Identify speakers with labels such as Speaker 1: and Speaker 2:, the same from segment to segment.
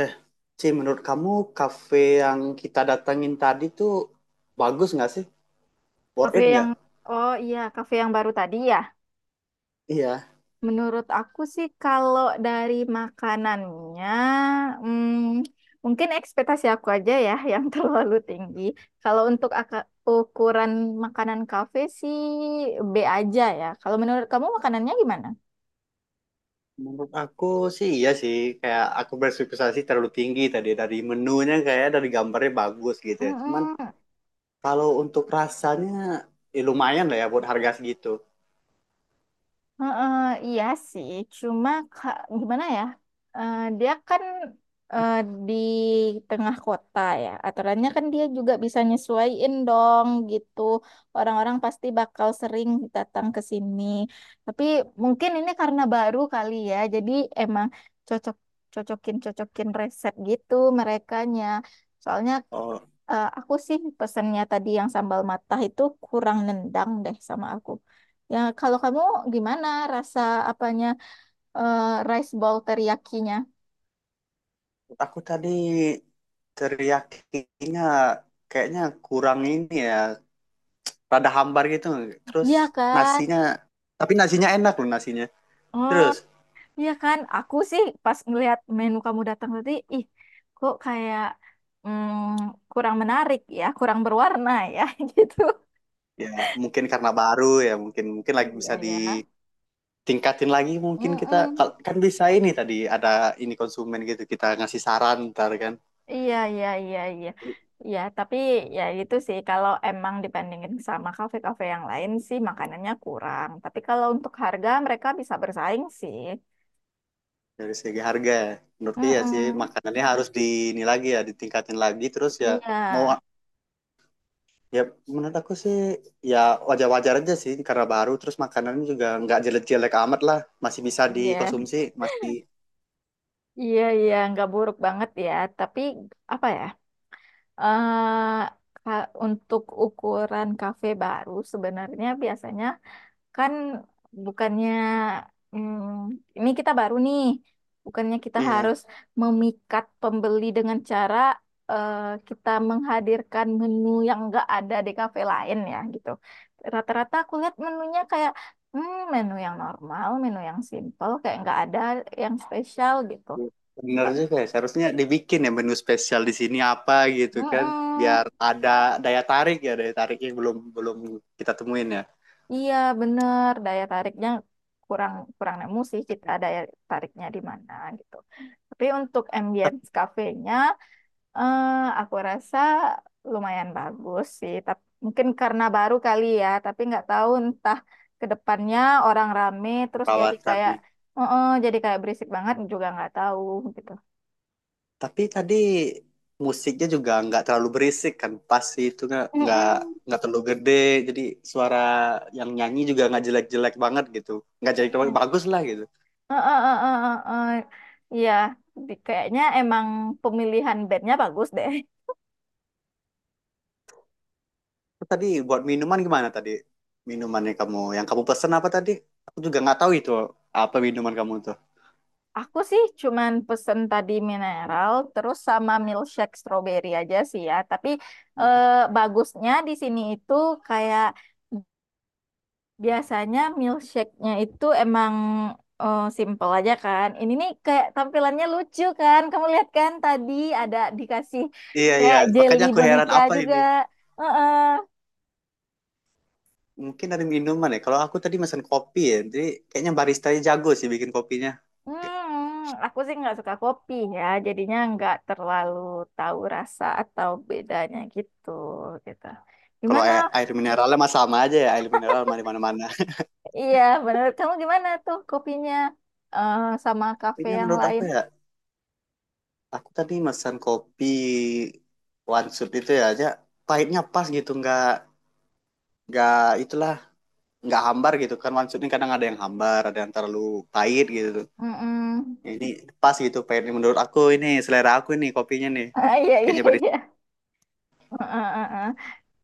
Speaker 1: Eh, Ci, menurut kamu kafe yang kita datangin tadi tuh bagus nggak sih? Worth
Speaker 2: Kafe
Speaker 1: it nggak?
Speaker 2: yang, oh iya, kafe yang baru tadi ya.
Speaker 1: Iya,
Speaker 2: Menurut aku sih kalau dari makanannya, hmm, mungkin ekspektasi aku aja ya yang terlalu tinggi. Kalau untuk ukuran makanan kafe sih B aja ya. Kalau menurut kamu makanannya gimana?
Speaker 1: menurut aku sih iya sih. Kayak aku berspekkulasi terlalu tinggi tadi. Dari menunya kayak dari gambarnya bagus gitu ya. Cuman
Speaker 2: Mm-mm.
Speaker 1: kalau untuk rasanya ya lumayan lah ya buat harga segitu.
Speaker 2: Heeh, iya sih, cuma gimana ya? Dia kan eh, di tengah kota ya. Aturannya kan dia juga bisa nyesuaiin dong gitu. Orang-orang pasti bakal sering datang ke sini. Tapi mungkin ini karena baru kali ya. Jadi emang cocok cocokin cocokin resep gitu merekanya. Soalnya
Speaker 1: Oh,
Speaker 2: Aku sih pesennya tadi yang sambal matah itu kurang nendang deh sama aku. Ya, kalau kamu gimana rasa apanya eh, rice bowl teriyakinya?
Speaker 1: menurut aku tadi teriyakinya kayaknya kurang ini ya. Rada hambar gitu. Terus
Speaker 2: Iya kan?
Speaker 1: nasinya, tapi nasinya enak loh nasinya.
Speaker 2: Oh,
Speaker 1: Terus
Speaker 2: iya kan? Aku sih pas ngelihat menu kamu datang tadi, ih, kok kayak kurang menarik ya, kurang berwarna ya gitu.
Speaker 1: ya, mungkin karena baru ya, mungkin mungkin lagi bisa
Speaker 2: Iya ya.
Speaker 1: ditingkatin lagi mungkin kita
Speaker 2: Mm-mm.
Speaker 1: kan bisa ini tadi ada ini konsumen gitu kita ngasih saran ntar kan
Speaker 2: Iya, iya, iya, iya. Iya, tapi ya itu sih kalau emang dibandingin sama kafe-kafe yang lain sih makanannya kurang. Tapi kalau untuk harga mereka bisa bersaing sih.
Speaker 1: dari segi harga ya. Menurutku ya sih
Speaker 2: Mm-mm.
Speaker 1: makanannya harus di ini lagi ya ditingkatin lagi terus ya
Speaker 2: Iya,
Speaker 1: mau ya menurut aku sih ya wajar-wajar aja sih karena baru terus makanannya juga nggak jelek-jelek amat lah masih bisa
Speaker 2: iya,
Speaker 1: dikonsumsi masih
Speaker 2: iya, iya, nggak buruk banget ya. Tapi apa ya? eh untuk ukuran kafe baru sebenarnya biasanya kan bukannya ini kita baru nih, bukannya kita
Speaker 1: iya.
Speaker 2: harus memikat pembeli dengan cara eh, kita menghadirkan menu yang nggak ada di kafe lain ya gitu. Rata-rata aku lihat menunya kayak menu yang normal, menu yang simple, kayak nggak ada yang spesial gitu.
Speaker 1: Bener
Speaker 2: Kak.
Speaker 1: juga ya, seharusnya dibikin ya menu spesial di sini apa gitu kan,
Speaker 2: Mm-mm.
Speaker 1: biar ada daya tarik ya, daya tarik yang belum belum kita temuin ya
Speaker 2: Iya, bener. Daya tariknya kurang kurang nemu sih kita daya tariknya di mana gitu. Tapi untuk ambience cafe-nya, eh, aku rasa lumayan bagus sih. Tapi mungkin karena baru kali ya, tapi nggak tahu entah ke depannya orang rame terus jadi kayak
Speaker 1: perawatannya.
Speaker 2: jadi kayak berisik banget juga nggak tahu gitu.
Speaker 1: Tapi tadi musiknya juga nggak terlalu berisik kan, pas sih itu nggak nggak
Speaker 2: Mm-mm.
Speaker 1: nggak terlalu gede, jadi suara yang nyanyi juga nggak jelek-jelek banget gitu, nggak jelek banget,
Speaker 2: Iya.
Speaker 1: bagus lah gitu.
Speaker 2: Eh, eh, eh, eh, eh, eh. Iya, kayaknya emang pemilihan bandnya bagus deh.
Speaker 1: Terus tadi buat minuman gimana tadi minumannya kamu, yang kamu pesen apa tadi? Aku juga nggak tahu itu apa minuman kamu
Speaker 2: Aku sih cuman pesen tadi mineral, terus sama milkshake strawberry aja sih ya. Tapi
Speaker 1: tuh.
Speaker 2: eh, bagusnya di sini itu kayak biasanya milkshake-nya itu emang simple aja kan. Ini nih kayak tampilannya lucu kan. Kamu lihat kan tadi ada dikasih
Speaker 1: Iya iya,
Speaker 2: kayak jelly
Speaker 1: makanya aku heran
Speaker 2: boneka
Speaker 1: apa
Speaker 2: juga.
Speaker 1: ini?
Speaker 2: Heeh.
Speaker 1: Mungkin dari minuman ya. Kalau aku tadi pesan kopi ya, jadi kayaknya baristanya jago sih bikin kopinya.
Speaker 2: Hmm, aku sih nggak suka kopi ya, jadinya nggak terlalu tahu rasa atau bedanya gitu gitu.
Speaker 1: Kalau
Speaker 2: Gimana?
Speaker 1: air mineralnya mah sama aja ya, air mineral mah di mana-mana.
Speaker 2: Iya, menurut kamu gimana tuh kopinya sama kafe
Speaker 1: Kopinya
Speaker 2: yang
Speaker 1: menurut aku
Speaker 2: lain?
Speaker 1: ya, aku tadi pesan kopi one shot itu ya aja pahitnya pas gitu, nggak itulah, nggak hambar gitu kan one shot ini kadang ada yang hambar, ada yang terlalu pahit gitu.
Speaker 2: Mm-mm.
Speaker 1: Ini pas gitu pahitnya menurut aku ini selera aku ini kopinya nih.
Speaker 2: Ah, iya, iya,
Speaker 1: Kayaknya
Speaker 2: iya. Heeh, heeh, heeh.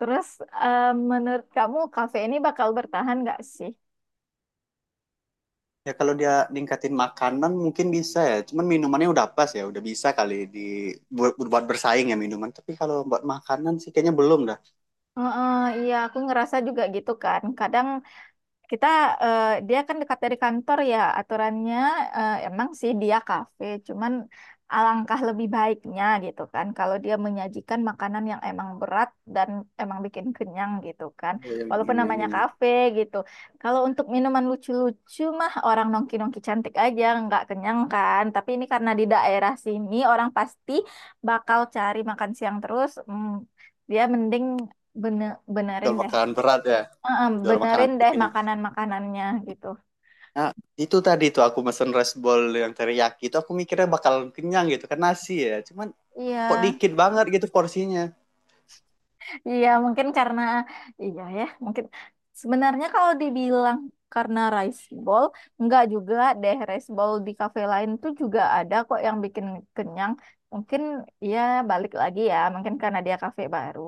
Speaker 2: Terus eh, menurut kamu kafe ini bakal bertahan nggak sih?
Speaker 1: ya kalau dia ningkatin makanan mungkin bisa ya. Cuman minumannya udah pas ya, udah bisa kali di buat bersaing ya minuman. Tapi kalau buat makanan sih kayaknya belum dah.
Speaker 2: Heeh, iya, aku ngerasa juga gitu kan. Kadang kita, dia kan dekat dari kantor ya aturannya emang sih dia kafe, cuman alangkah lebih baiknya gitu kan kalau dia menyajikan makanan yang emang berat dan emang bikin kenyang gitu kan.
Speaker 1: Oh, yang
Speaker 2: Walaupun namanya
Speaker 1: ingin
Speaker 2: kafe gitu. Kalau untuk minuman lucu-lucu mah orang nongki-nongki cantik aja nggak kenyang kan. Tapi ini karena di daerah sini orang pasti bakal cari makan siang terus. Dia mending benerin
Speaker 1: jual
Speaker 2: deh.
Speaker 1: makanan berat ya,
Speaker 2: Heeh,
Speaker 1: jual makanan
Speaker 2: benerin deh
Speaker 1: kenyang.
Speaker 2: makanan-makanannya gitu.
Speaker 1: Nah, itu tadi tuh aku mesen rice bowl yang teriyaki itu aku mikirnya bakal kenyang gitu kan nasi ya. Cuman
Speaker 2: Iya,
Speaker 1: kok dikit banget gitu porsinya.
Speaker 2: iya mungkin karena iya ya, mungkin sebenarnya kalau dibilang karena rice bowl, enggak juga deh rice bowl di kafe lain tuh juga ada kok yang bikin kenyang. Mungkin ya balik lagi ya, mungkin karena dia kafe baru.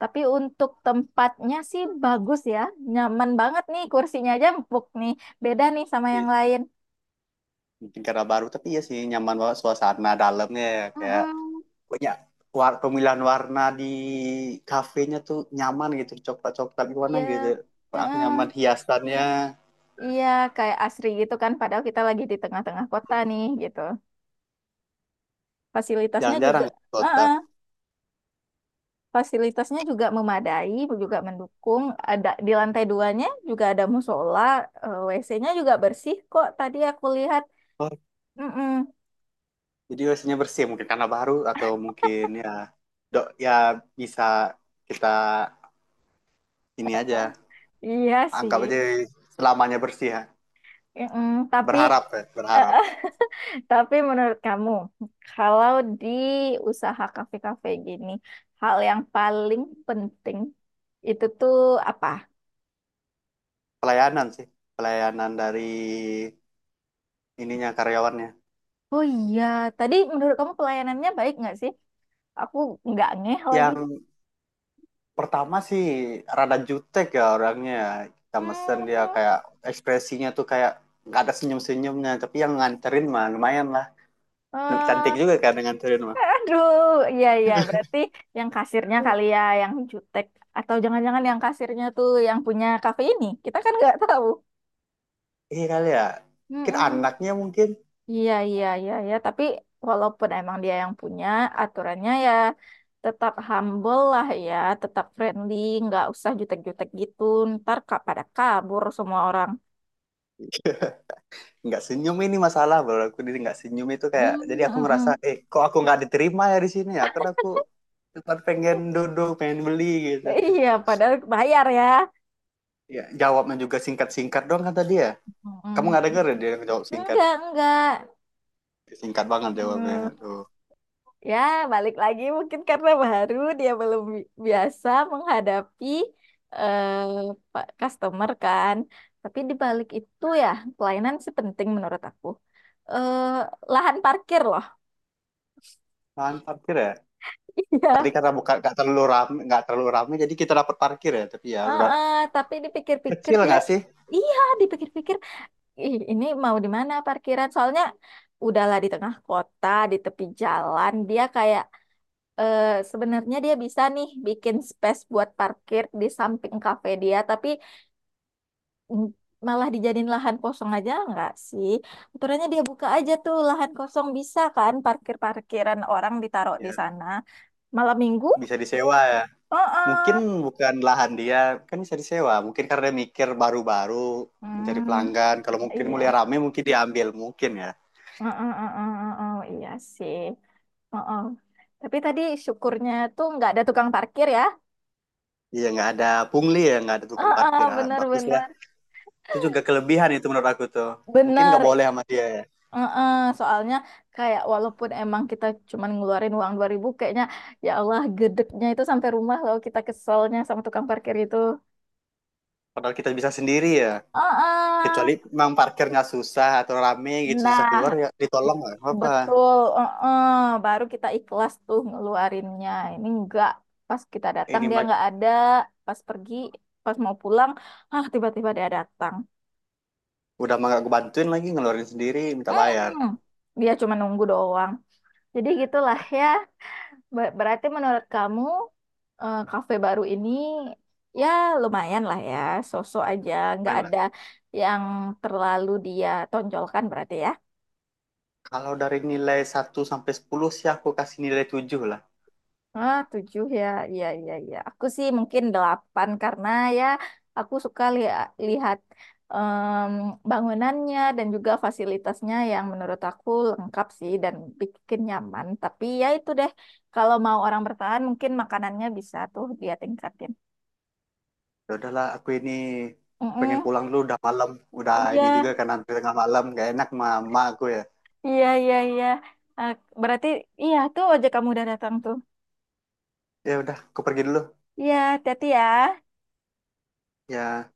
Speaker 2: Tapi untuk tempatnya sih bagus ya, nyaman banget nih kursinya aja empuk nih, beda nih sama
Speaker 1: Iya,
Speaker 2: yang lain.
Speaker 1: mungkin karena baru tapi ya sih nyaman banget suasana dalamnya ya. Kayak
Speaker 2: Mm-mm.
Speaker 1: banyak war pemilihan warna di kafenya tuh nyaman gitu coklat coklat warna gitu,
Speaker 2: Iya.
Speaker 1: aku nyaman
Speaker 2: Heeh.
Speaker 1: hiasannya.
Speaker 2: Iya, kayak asri gitu kan. Padahal kita lagi di tengah-tengah kota nih, gitu. Fasilitasnya juga,
Speaker 1: Jarang-jarang ke kota.
Speaker 2: uh fasilitasnya juga memadai, juga mendukung. Ada di lantai duanya juga ada musola, WC-nya juga bersih kok. Tadi aku lihat.
Speaker 1: Oh,
Speaker 2: Mm-mm.
Speaker 1: jadi biasanya bersih mungkin karena baru atau mungkin ya dok ya bisa kita ini aja
Speaker 2: Eh, Iya
Speaker 1: anggap aja
Speaker 2: sih.
Speaker 1: selamanya bersih ya,
Speaker 2: Mm-mm.
Speaker 1: berharap ya
Speaker 2: Eh,
Speaker 1: berharap.
Speaker 2: tapi menurut kamu, kalau di usaha kafe-kafe gini, hal yang paling penting itu tuh apa?
Speaker 1: Pelayanan sih, pelayanan dari ininya karyawannya.
Speaker 2: Oh iya, tadi menurut kamu pelayanannya baik nggak sih? Aku nggak ngeh lagi.
Speaker 1: Yang pertama sih rada jutek ya orangnya, kita mesen dia
Speaker 2: Hmm,
Speaker 1: kayak ekspresinya tuh kayak nggak ada senyum senyumnya tapi yang nganterin mah lumayan lah, cantik
Speaker 2: eh,
Speaker 1: juga kan yang nganterin mah.
Speaker 2: aduh, iya iya, berarti yang kasirnya
Speaker 1: Hmm.
Speaker 2: kali ya, yang jutek. Atau jangan-jangan yang kasirnya tuh yang punya kafe ini. Kita kan nggak tahu.
Speaker 1: Iya kali ya, mungkin
Speaker 2: Mm-mm.
Speaker 1: anaknya mungkin.
Speaker 2: Iya iya iya iya, tapi walaupun emang dia yang punya, aturannya ya tetap humble lah ya, tetap friendly, nggak usah jutek-jutek gitu. Ntar pada kabur semua orang.
Speaker 1: Nggak senyum ini masalah baru aku, dia nggak senyum itu kayak, jadi
Speaker 2: Mm, mm,
Speaker 1: aku ngerasa
Speaker 2: mm.
Speaker 1: eh kok aku nggak diterima ya di sini ya karena aku cuma pengen duduk pengen beli gitu.
Speaker 2: Iya, padahal bayar ya.
Speaker 1: Ya jawabnya juga singkat singkat doang kata dia, kamu
Speaker 2: Mm.
Speaker 1: nggak denger ya dia jawab singkat
Speaker 2: Enggak, enggak.
Speaker 1: singkat banget jawabnya
Speaker 2: Hmm.
Speaker 1: tuh.
Speaker 2: Ya, balik lagi mungkin karena baru dia belum biasa menghadapi eh customer kan. Tapi di balik itu ya, pelayanan sih penting menurut aku. Eh lahan parkir loh.
Speaker 1: Mantap kira ya. Tadi
Speaker 2: Iya.
Speaker 1: karena bukan nggak terlalu ramai jadi kita dapat parkir ya. Tapi ya udah,
Speaker 2: Heeh, tapi dipikir-pikir
Speaker 1: kecil
Speaker 2: dia,
Speaker 1: nggak sih?
Speaker 2: iya, dipikir-pikir, ih, ini mau di mana parkiran? Soalnya udahlah di tengah kota, di tepi jalan, dia kayak sebenarnya dia bisa nih bikin space buat parkir di samping kafe dia, tapi mm, malah dijadiin lahan kosong aja nggak sih? Aturannya dia buka aja tuh lahan kosong bisa kan parkir-parkiran orang ditaruh di
Speaker 1: Ya,
Speaker 2: sana. Malam minggu?
Speaker 1: bisa disewa ya. Mungkin
Speaker 2: Heeh.
Speaker 1: bukan lahan dia, kan bisa disewa. Mungkin karena mikir baru-baru mencari
Speaker 2: Hmm,
Speaker 1: pelanggan. Kalau mungkin mulai
Speaker 2: iya.
Speaker 1: ramai mungkin diambil mungkin ya.
Speaker 2: Heeh, heeh, heeh, iya sih. Oh, oh. Tapi tadi syukurnya tuh nggak ada tukang parkir ya.
Speaker 1: Iya nggak ada pungli ya, nggak ada tukang
Speaker 2: Ah,
Speaker 1: parkir.
Speaker 2: ah,
Speaker 1: Ah, bagus lah.
Speaker 2: benar-benar,
Speaker 1: Itu juga kelebihan itu menurut aku tuh. Mungkin
Speaker 2: benar benar
Speaker 1: nggak
Speaker 2: benar.
Speaker 1: boleh sama dia ya.
Speaker 2: Heeh, soalnya kayak walaupun emang kita cuman ngeluarin uang 2.000 kayaknya ya Allah gedeknya itu sampai rumah loh kita keselnya sama tukang parkir itu.
Speaker 1: Padahal kita bisa sendiri ya.
Speaker 2: Heeh.
Speaker 1: Kecuali memang parkirnya susah atau rame gitu susah keluar
Speaker 2: Nah,
Speaker 1: ya ditolong nggak apa-apa.
Speaker 2: betul. Heeh, baru kita ikhlas tuh ngeluarinnya. Ini enggak. Pas kita datang
Speaker 1: Ini
Speaker 2: dia enggak ada. Pas pergi, pas mau pulang, ah tiba-tiba dia datang.
Speaker 1: udah mah gak gue bantuin lagi ngeluarin sendiri minta bayar.
Speaker 2: Mm-mm. Dia cuma nunggu doang. Jadi gitulah ya. Berarti menurut kamu kafe baru ini ya lumayan lah ya, sosok aja, nggak
Speaker 1: Main lah,
Speaker 2: ada yang terlalu dia tonjolkan berarti ya.
Speaker 1: kalau dari nilai 1 sampai 10 sih aku kasih nilai 7 lah.
Speaker 2: Ah, 7 ya, iya iya iya. Aku sih mungkin 8 karena ya aku suka lihat em, bangunannya dan juga fasilitasnya yang menurut aku lengkap sih dan bikin nyaman. Tapi ya itu deh, kalau mau orang bertahan mungkin makanannya bisa tuh dia tingkatin.
Speaker 1: Ya udahlah aku ini pengen
Speaker 2: Mm-mm.
Speaker 1: pulang dulu udah malam, udah
Speaker 2: Iya.
Speaker 1: ini juga kan hampir tengah malam, gak enak sama emak aku ya.
Speaker 2: Iya, iya, iya. Eh, berarti iya tuh ojek kamu udah datang tuh.
Speaker 1: Ya udah aku pergi dulu
Speaker 2: Iya, hati-hati ya.
Speaker 1: ya.